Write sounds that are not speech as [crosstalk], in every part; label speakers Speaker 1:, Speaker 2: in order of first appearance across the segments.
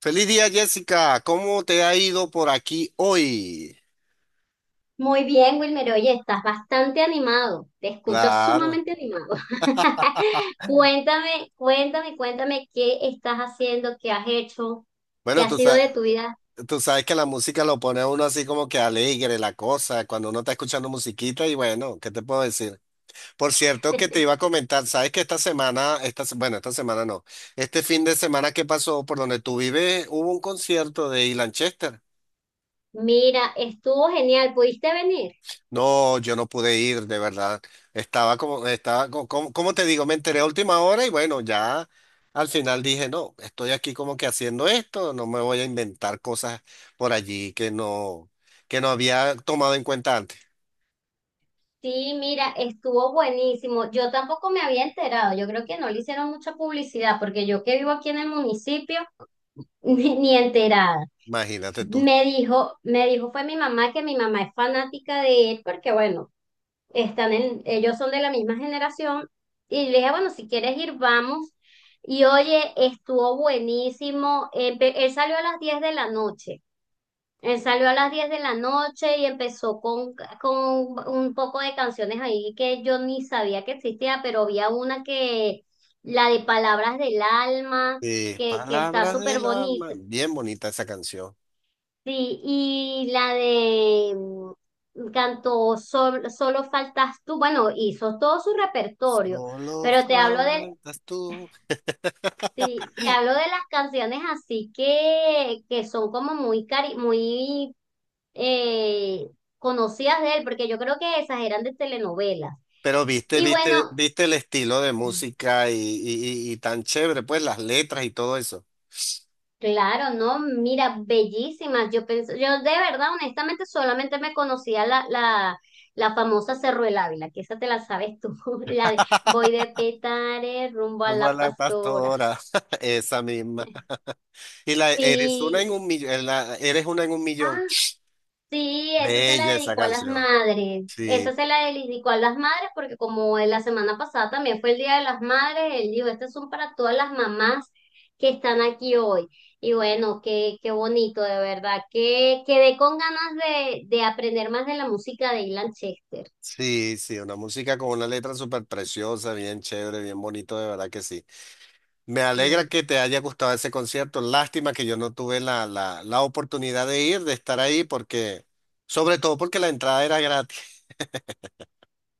Speaker 1: Feliz día, Jessica. ¿Cómo te ha ido por aquí hoy?
Speaker 2: Muy bien, Wilmer. Oye, estás bastante animado. Te escucho
Speaker 1: Claro.
Speaker 2: sumamente animado. [laughs] Cuéntame, cuéntame, cuéntame qué estás haciendo, qué has hecho, qué
Speaker 1: Bueno,
Speaker 2: ha sido de tu vida.
Speaker 1: tú sabes que la música lo pone a uno así como que alegre, la cosa, cuando uno está escuchando musiquita y bueno, ¿qué te puedo decir? Por cierto, que te iba a comentar, sabes que esta semana, esta, se- bueno, esta semana no, este fin de semana que pasó por donde tú vives, hubo un concierto de Ilan Chester.
Speaker 2: Mira, estuvo genial. ¿Pudiste venir?
Speaker 1: No, yo no pude ir, de verdad. Estaba como, estaba, co- como, Como te digo, me enteré a última hora y bueno, ya al final dije, no, estoy aquí como que haciendo esto, no me voy a inventar cosas por allí que no había tomado en cuenta antes.
Speaker 2: Sí, mira, estuvo buenísimo. Yo tampoco me había enterado. Yo creo que no le hicieron mucha publicidad porque yo que vivo aquí en el municipio, [laughs] ni enterada.
Speaker 1: Imagínate tú.
Speaker 2: Fue mi mamá, que mi mamá es fanática de él porque, bueno, ellos son de la misma generación, y le dije, bueno, si quieres ir, vamos. Y oye, estuvo buenísimo. Él salió a las 10 de la noche. Él salió a las 10 de la noche y empezó con un poco de canciones ahí que yo ni sabía que existía, pero había una, que, la de Palabras del Alma, que está
Speaker 1: Palabras
Speaker 2: súper
Speaker 1: del alma,
Speaker 2: bonita.
Speaker 1: bien bonita esa canción.
Speaker 2: Sí, y la de, cantó Solo faltas tú. Bueno, hizo todo su repertorio,
Speaker 1: Solo
Speaker 2: pero
Speaker 1: faltas tú. [laughs]
Speaker 2: sí, te hablo de las canciones así que son como muy, cari muy eh, conocidas de él, porque yo creo que esas eran de telenovelas.
Speaker 1: Pero
Speaker 2: Y bueno,
Speaker 1: viste el estilo de música y tan chévere, pues las letras y todo eso.
Speaker 2: claro, no, mira, bellísimas. Yo pensé, yo de verdad, honestamente, solamente me conocía la famosa Cerro del Ávila, que esa te la sabes tú, [laughs] la de voy de Petare rumbo a
Speaker 1: Como a
Speaker 2: la
Speaker 1: la
Speaker 2: Pastora.
Speaker 1: pastora, [laughs] esa misma. Y la eres una en
Speaker 2: Sí,
Speaker 1: un millón, eres una en un millón.
Speaker 2: ah, sí, esa se la
Speaker 1: Bella esa
Speaker 2: dedicó a las
Speaker 1: canción.
Speaker 2: madres. Esa
Speaker 1: Sí,
Speaker 2: se la dedicó a las madres porque como en la semana pasada también fue el Día de las Madres, él dijo, estas son para todas las mamás que están aquí hoy. Y bueno, qué, qué bonito, de verdad, que quedé con ganas de aprender más de la música de Ilan Chester.
Speaker 1: sí, una música con una letra súper preciosa, bien chévere, bien bonito, de verdad que sí. Me alegra
Speaker 2: Sí.
Speaker 1: que te haya gustado ese concierto. Lástima que yo no tuve la oportunidad de ir, de estar ahí, porque, sobre todo porque la entrada era gratis.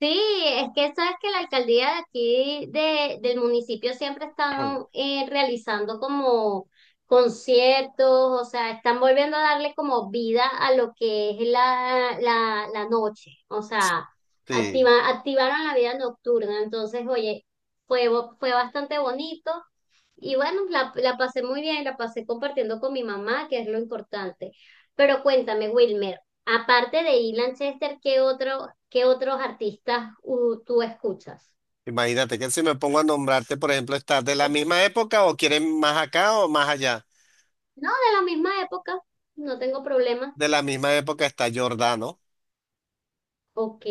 Speaker 2: Sí, es que sabes que la alcaldía de aquí del municipio siempre están
Speaker 1: [clears throat]
Speaker 2: realizando como conciertos, o sea, están volviendo a darle como vida a lo que es la noche, o sea,
Speaker 1: Sí.
Speaker 2: activaron la vida nocturna. Entonces, oye, fue bastante bonito, y bueno, la pasé muy bien. La pasé compartiendo con mi mamá, que es lo importante. Pero cuéntame, Wilmer, aparte de Ilan Chester, qué otros artistas tú escuchas?
Speaker 1: Imagínate que si me pongo a nombrarte, por ejemplo, ¿estás de la misma época o quieres más acá o más allá?
Speaker 2: No, de la misma época, no tengo problema.
Speaker 1: De la misma época está Giordano.
Speaker 2: Ok.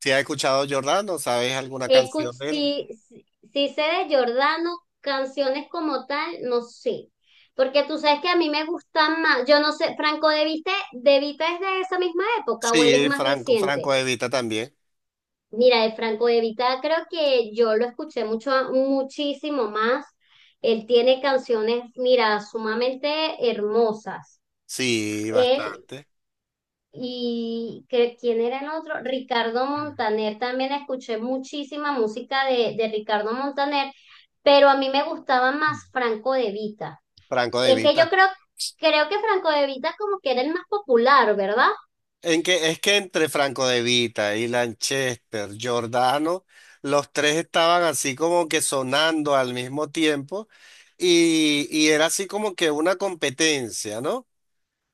Speaker 1: Si has escuchado Giordano, ¿sabes alguna
Speaker 2: Escuch
Speaker 1: canción de él?
Speaker 2: Si, si, si sé de Jordano. Canciones como tal, no sé. Porque tú sabes que a mí me gustan más, yo no sé, Franco De Vita. ¿De Vita es de esa misma época o él es
Speaker 1: Sí,
Speaker 2: más
Speaker 1: Franco
Speaker 2: reciente?
Speaker 1: De Vita también.
Speaker 2: Mira, de Franco De Vita creo que yo lo escuché mucho, muchísimo más. Él tiene canciones, mira, sumamente hermosas.
Speaker 1: Sí,
Speaker 2: Él
Speaker 1: bastante.
Speaker 2: ¿Quién era el otro? Ricardo Montaner. También escuché muchísima música de Ricardo Montaner, pero a mí me gustaba más Franco De Vita.
Speaker 1: Franco De
Speaker 2: Es que yo
Speaker 1: Vita.
Speaker 2: creo que Franco De Vita como que era el más popular, ¿verdad?
Speaker 1: Es que entre Franco De Vita y Lanchester, Giordano, los tres estaban así como que sonando al mismo tiempo y, era así como que una competencia, ¿no?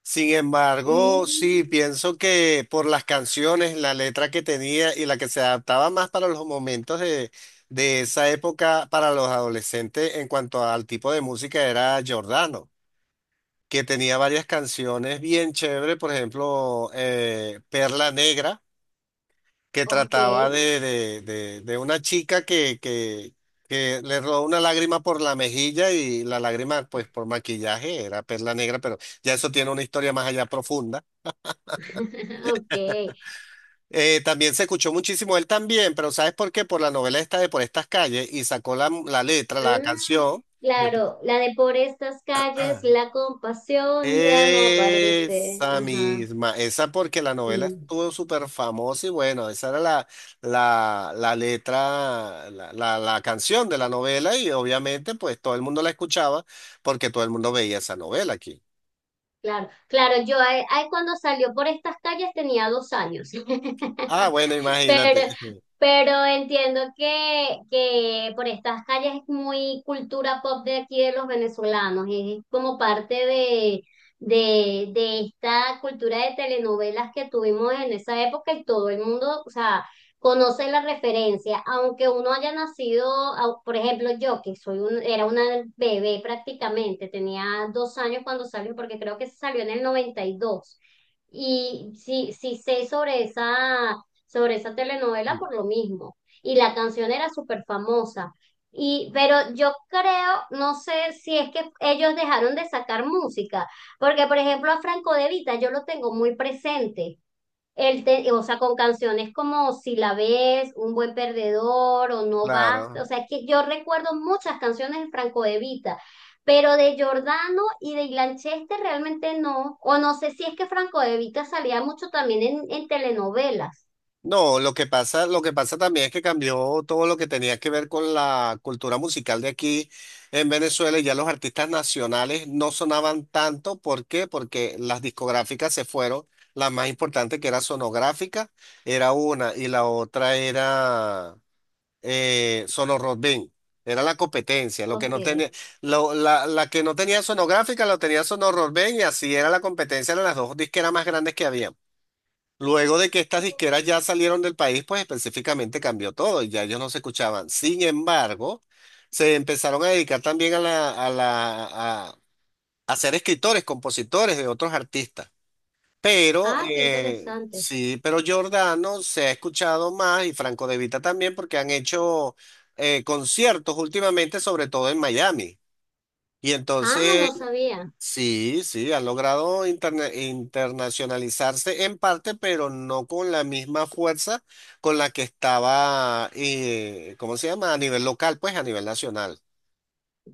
Speaker 1: Sin embargo, sí,
Speaker 2: Mm,
Speaker 1: pienso que por las canciones, la letra que tenía y la que se adaptaba más para los momentos de esa época para los adolescentes en cuanto al tipo de música era Giordano, que tenía varias canciones bien chéveres, por ejemplo, Perla Negra, que
Speaker 2: ok.
Speaker 1: trataba de una chica que le rodó una lágrima por la mejilla y la lágrima pues por maquillaje era Perla Negra, pero ya eso tiene una historia más allá profunda.
Speaker 2: [laughs] Ok.
Speaker 1: También se escuchó muchísimo él también, pero ¿sabes por qué? Por la novela esta de Por estas calles y sacó la letra, la
Speaker 2: Ah,
Speaker 1: canción. de- Por-
Speaker 2: claro, la de por estas calles, la
Speaker 1: [clears throat]
Speaker 2: compasión ya no aparece.
Speaker 1: Esa
Speaker 2: Ajá,
Speaker 1: misma, esa porque la novela
Speaker 2: sí,
Speaker 1: estuvo súper famosa y bueno, esa era la letra, la canción de la novela y obviamente pues todo el mundo la escuchaba porque todo el mundo veía esa novela aquí.
Speaker 2: claro, claro, yo ahí cuando salió por estas calles tenía 2 años. [laughs]
Speaker 1: Ah, bueno,
Speaker 2: [laughs]
Speaker 1: imagínate.
Speaker 2: Pero, pero entiendo que por estas calles es muy cultura pop de aquí, de los venezolanos. Es como parte de esta cultura de telenovelas que tuvimos en esa época, y todo el mundo, o sea, conoce la referencia, aunque uno haya nacido, por ejemplo, yo, que soy era una bebé prácticamente, tenía 2 años cuando salió, porque creo que salió en el 92. Y dos. Y sí, sí sé sobre esa, telenovela por lo
Speaker 1: [laughs]
Speaker 2: mismo. Y la canción era súper famosa. Pero yo creo, no sé si es que ellos dejaron de sacar música, porque por ejemplo a Franco De Vita yo lo tengo muy presente. O sea, con canciones como Si la ves, Un buen perdedor o No basta.
Speaker 1: Claro.
Speaker 2: O sea, es que yo recuerdo muchas canciones de Franco De Vita, pero de Giordano y de Ilan Chester realmente no. O no sé si es que Franco De Vita salía mucho también en telenovelas.
Speaker 1: No, lo que pasa también es que cambió todo lo que tenía que ver con la cultura musical de aquí en Venezuela y ya los artistas nacionales no sonaban tanto. ¿Por qué? Porque las discográficas se fueron. La más importante que era Sonográfica era una y la otra era Sonorrobén. Era la competencia. Lo que
Speaker 2: Ok.
Speaker 1: no tenía, lo- La que no tenía Sonográfica lo tenía Sonorrobén y así era la competencia de las dos disqueras más grandes que había. Luego de que estas disqueras ya salieron del país, pues específicamente cambió todo y ya ellos no se escuchaban. Sin embargo, se empezaron a dedicar también a ser escritores, compositores de otros artistas. Pero
Speaker 2: Ah, qué interesante.
Speaker 1: sí, pero Giordano se ha escuchado más y Franco De Vita también porque han hecho conciertos últimamente, sobre todo en Miami. Y
Speaker 2: Ah,
Speaker 1: entonces
Speaker 2: no sabía.
Speaker 1: sí, ha logrado interna- internacionalizarse en parte, pero no con la misma fuerza con la que estaba, ¿cómo se llama? A nivel local, pues a nivel nacional.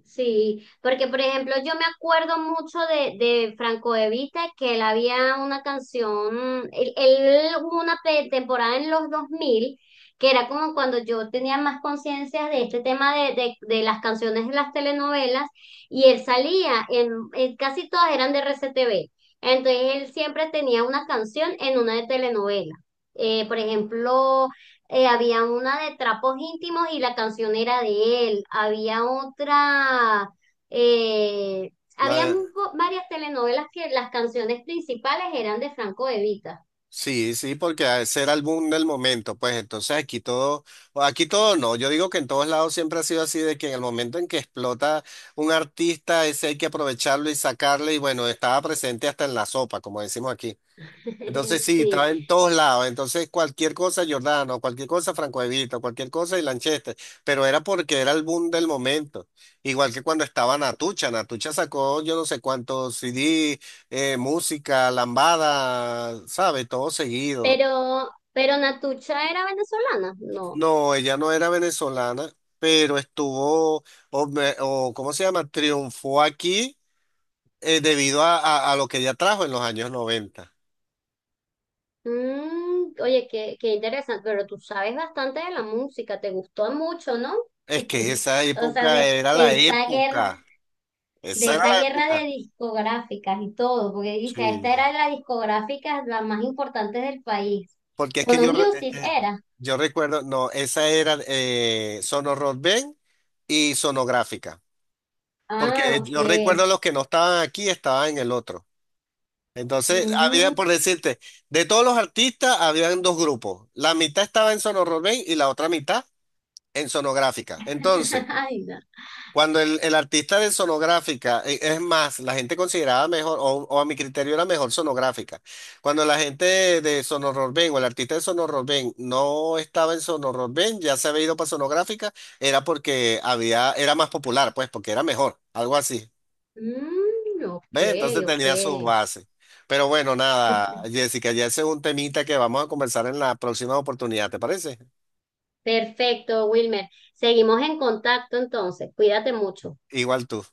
Speaker 2: Sí, porque por ejemplo yo me acuerdo mucho de Franco de Vita, que él había una canción. Él hubo una temporada en los 2000 que era como cuando yo tenía más conciencia de este tema de las canciones de las telenovelas, y él salía en, casi todas, eran de RCTV, entonces él siempre tenía una canción en una de telenovela. Por ejemplo, había una de Trapos Íntimos y la canción era de él. Había otra. eh,
Speaker 1: La
Speaker 2: había
Speaker 1: de-
Speaker 2: mu- Varias telenovelas que las canciones principales eran de Franco Evita.
Speaker 1: sí, porque ese era el boom del momento, pues entonces o aquí todo no, yo digo que en todos lados siempre ha sido así, de que en el momento en que explota un artista, ese hay que aprovecharlo y sacarle, y bueno, estaba presente hasta en la sopa, como decimos aquí. Entonces
Speaker 2: [laughs]
Speaker 1: sí,
Speaker 2: Sí,
Speaker 1: estaba en todos lados. Entonces cualquier cosa Giordano, cualquier cosa Franco Evita, cualquier cosa y Lanchester. Pero era porque era el boom del momento. Igual que cuando estaba Natucha. Natucha sacó yo no sé cuántos CD, música, lambada, ¿sabe? Todo seguido.
Speaker 2: pero Natucha era venezolana, no.
Speaker 1: No, ella no era venezolana, pero estuvo, ¿cómo se llama? Triunfó aquí debido a, a lo que ella trajo en los años 90.
Speaker 2: Mm, oye, qué interesante. Pero tú sabes bastante de la música, te gustó mucho, ¿no?
Speaker 1: Es que
Speaker 2: [laughs]
Speaker 1: esa
Speaker 2: O sea,
Speaker 1: época
Speaker 2: de,
Speaker 1: era
Speaker 2: de
Speaker 1: la
Speaker 2: esa guerra
Speaker 1: época.
Speaker 2: de
Speaker 1: Esa era
Speaker 2: esa
Speaker 1: la
Speaker 2: guerra de
Speaker 1: época.
Speaker 2: discográficas y todo, porque dice,
Speaker 1: Sí.
Speaker 2: esta era de las discográficas las más importantes del país.
Speaker 1: Porque es que
Speaker 2: Sono Music era.
Speaker 1: yo recuerdo, no, esa era Sonorrock Band y Sonográfica. Porque
Speaker 2: Ah, ok.
Speaker 1: yo recuerdo los que no estaban aquí estaban en el otro. Entonces, había,
Speaker 2: Mm.
Speaker 1: por decirte, de todos los artistas, habían dos grupos. La mitad estaba en Sonorrock Band y la otra mitad en Sonográfica. Entonces,
Speaker 2: [laughs] Ay, no.
Speaker 1: cuando el artista de Sonográfica, es más, la gente consideraba mejor, o a mi criterio era mejor Sonográfica. Cuando la gente de Sonorrobén o el artista de Sonorrobén no estaba en Sonorrobén, ya se había ido para Sonográfica, era porque había, era más popular, pues, porque era mejor, algo así.
Speaker 2: Mm, ok,
Speaker 1: ¿Ves? Entonces
Speaker 2: ok.
Speaker 1: tenía sus bases. Pero bueno, nada, Jessica, ya ese es un temita que vamos a conversar en la próxima oportunidad, ¿te parece?
Speaker 2: Perfecto, Wilmer. Seguimos en contacto entonces. Cuídate mucho.
Speaker 1: Igual tú.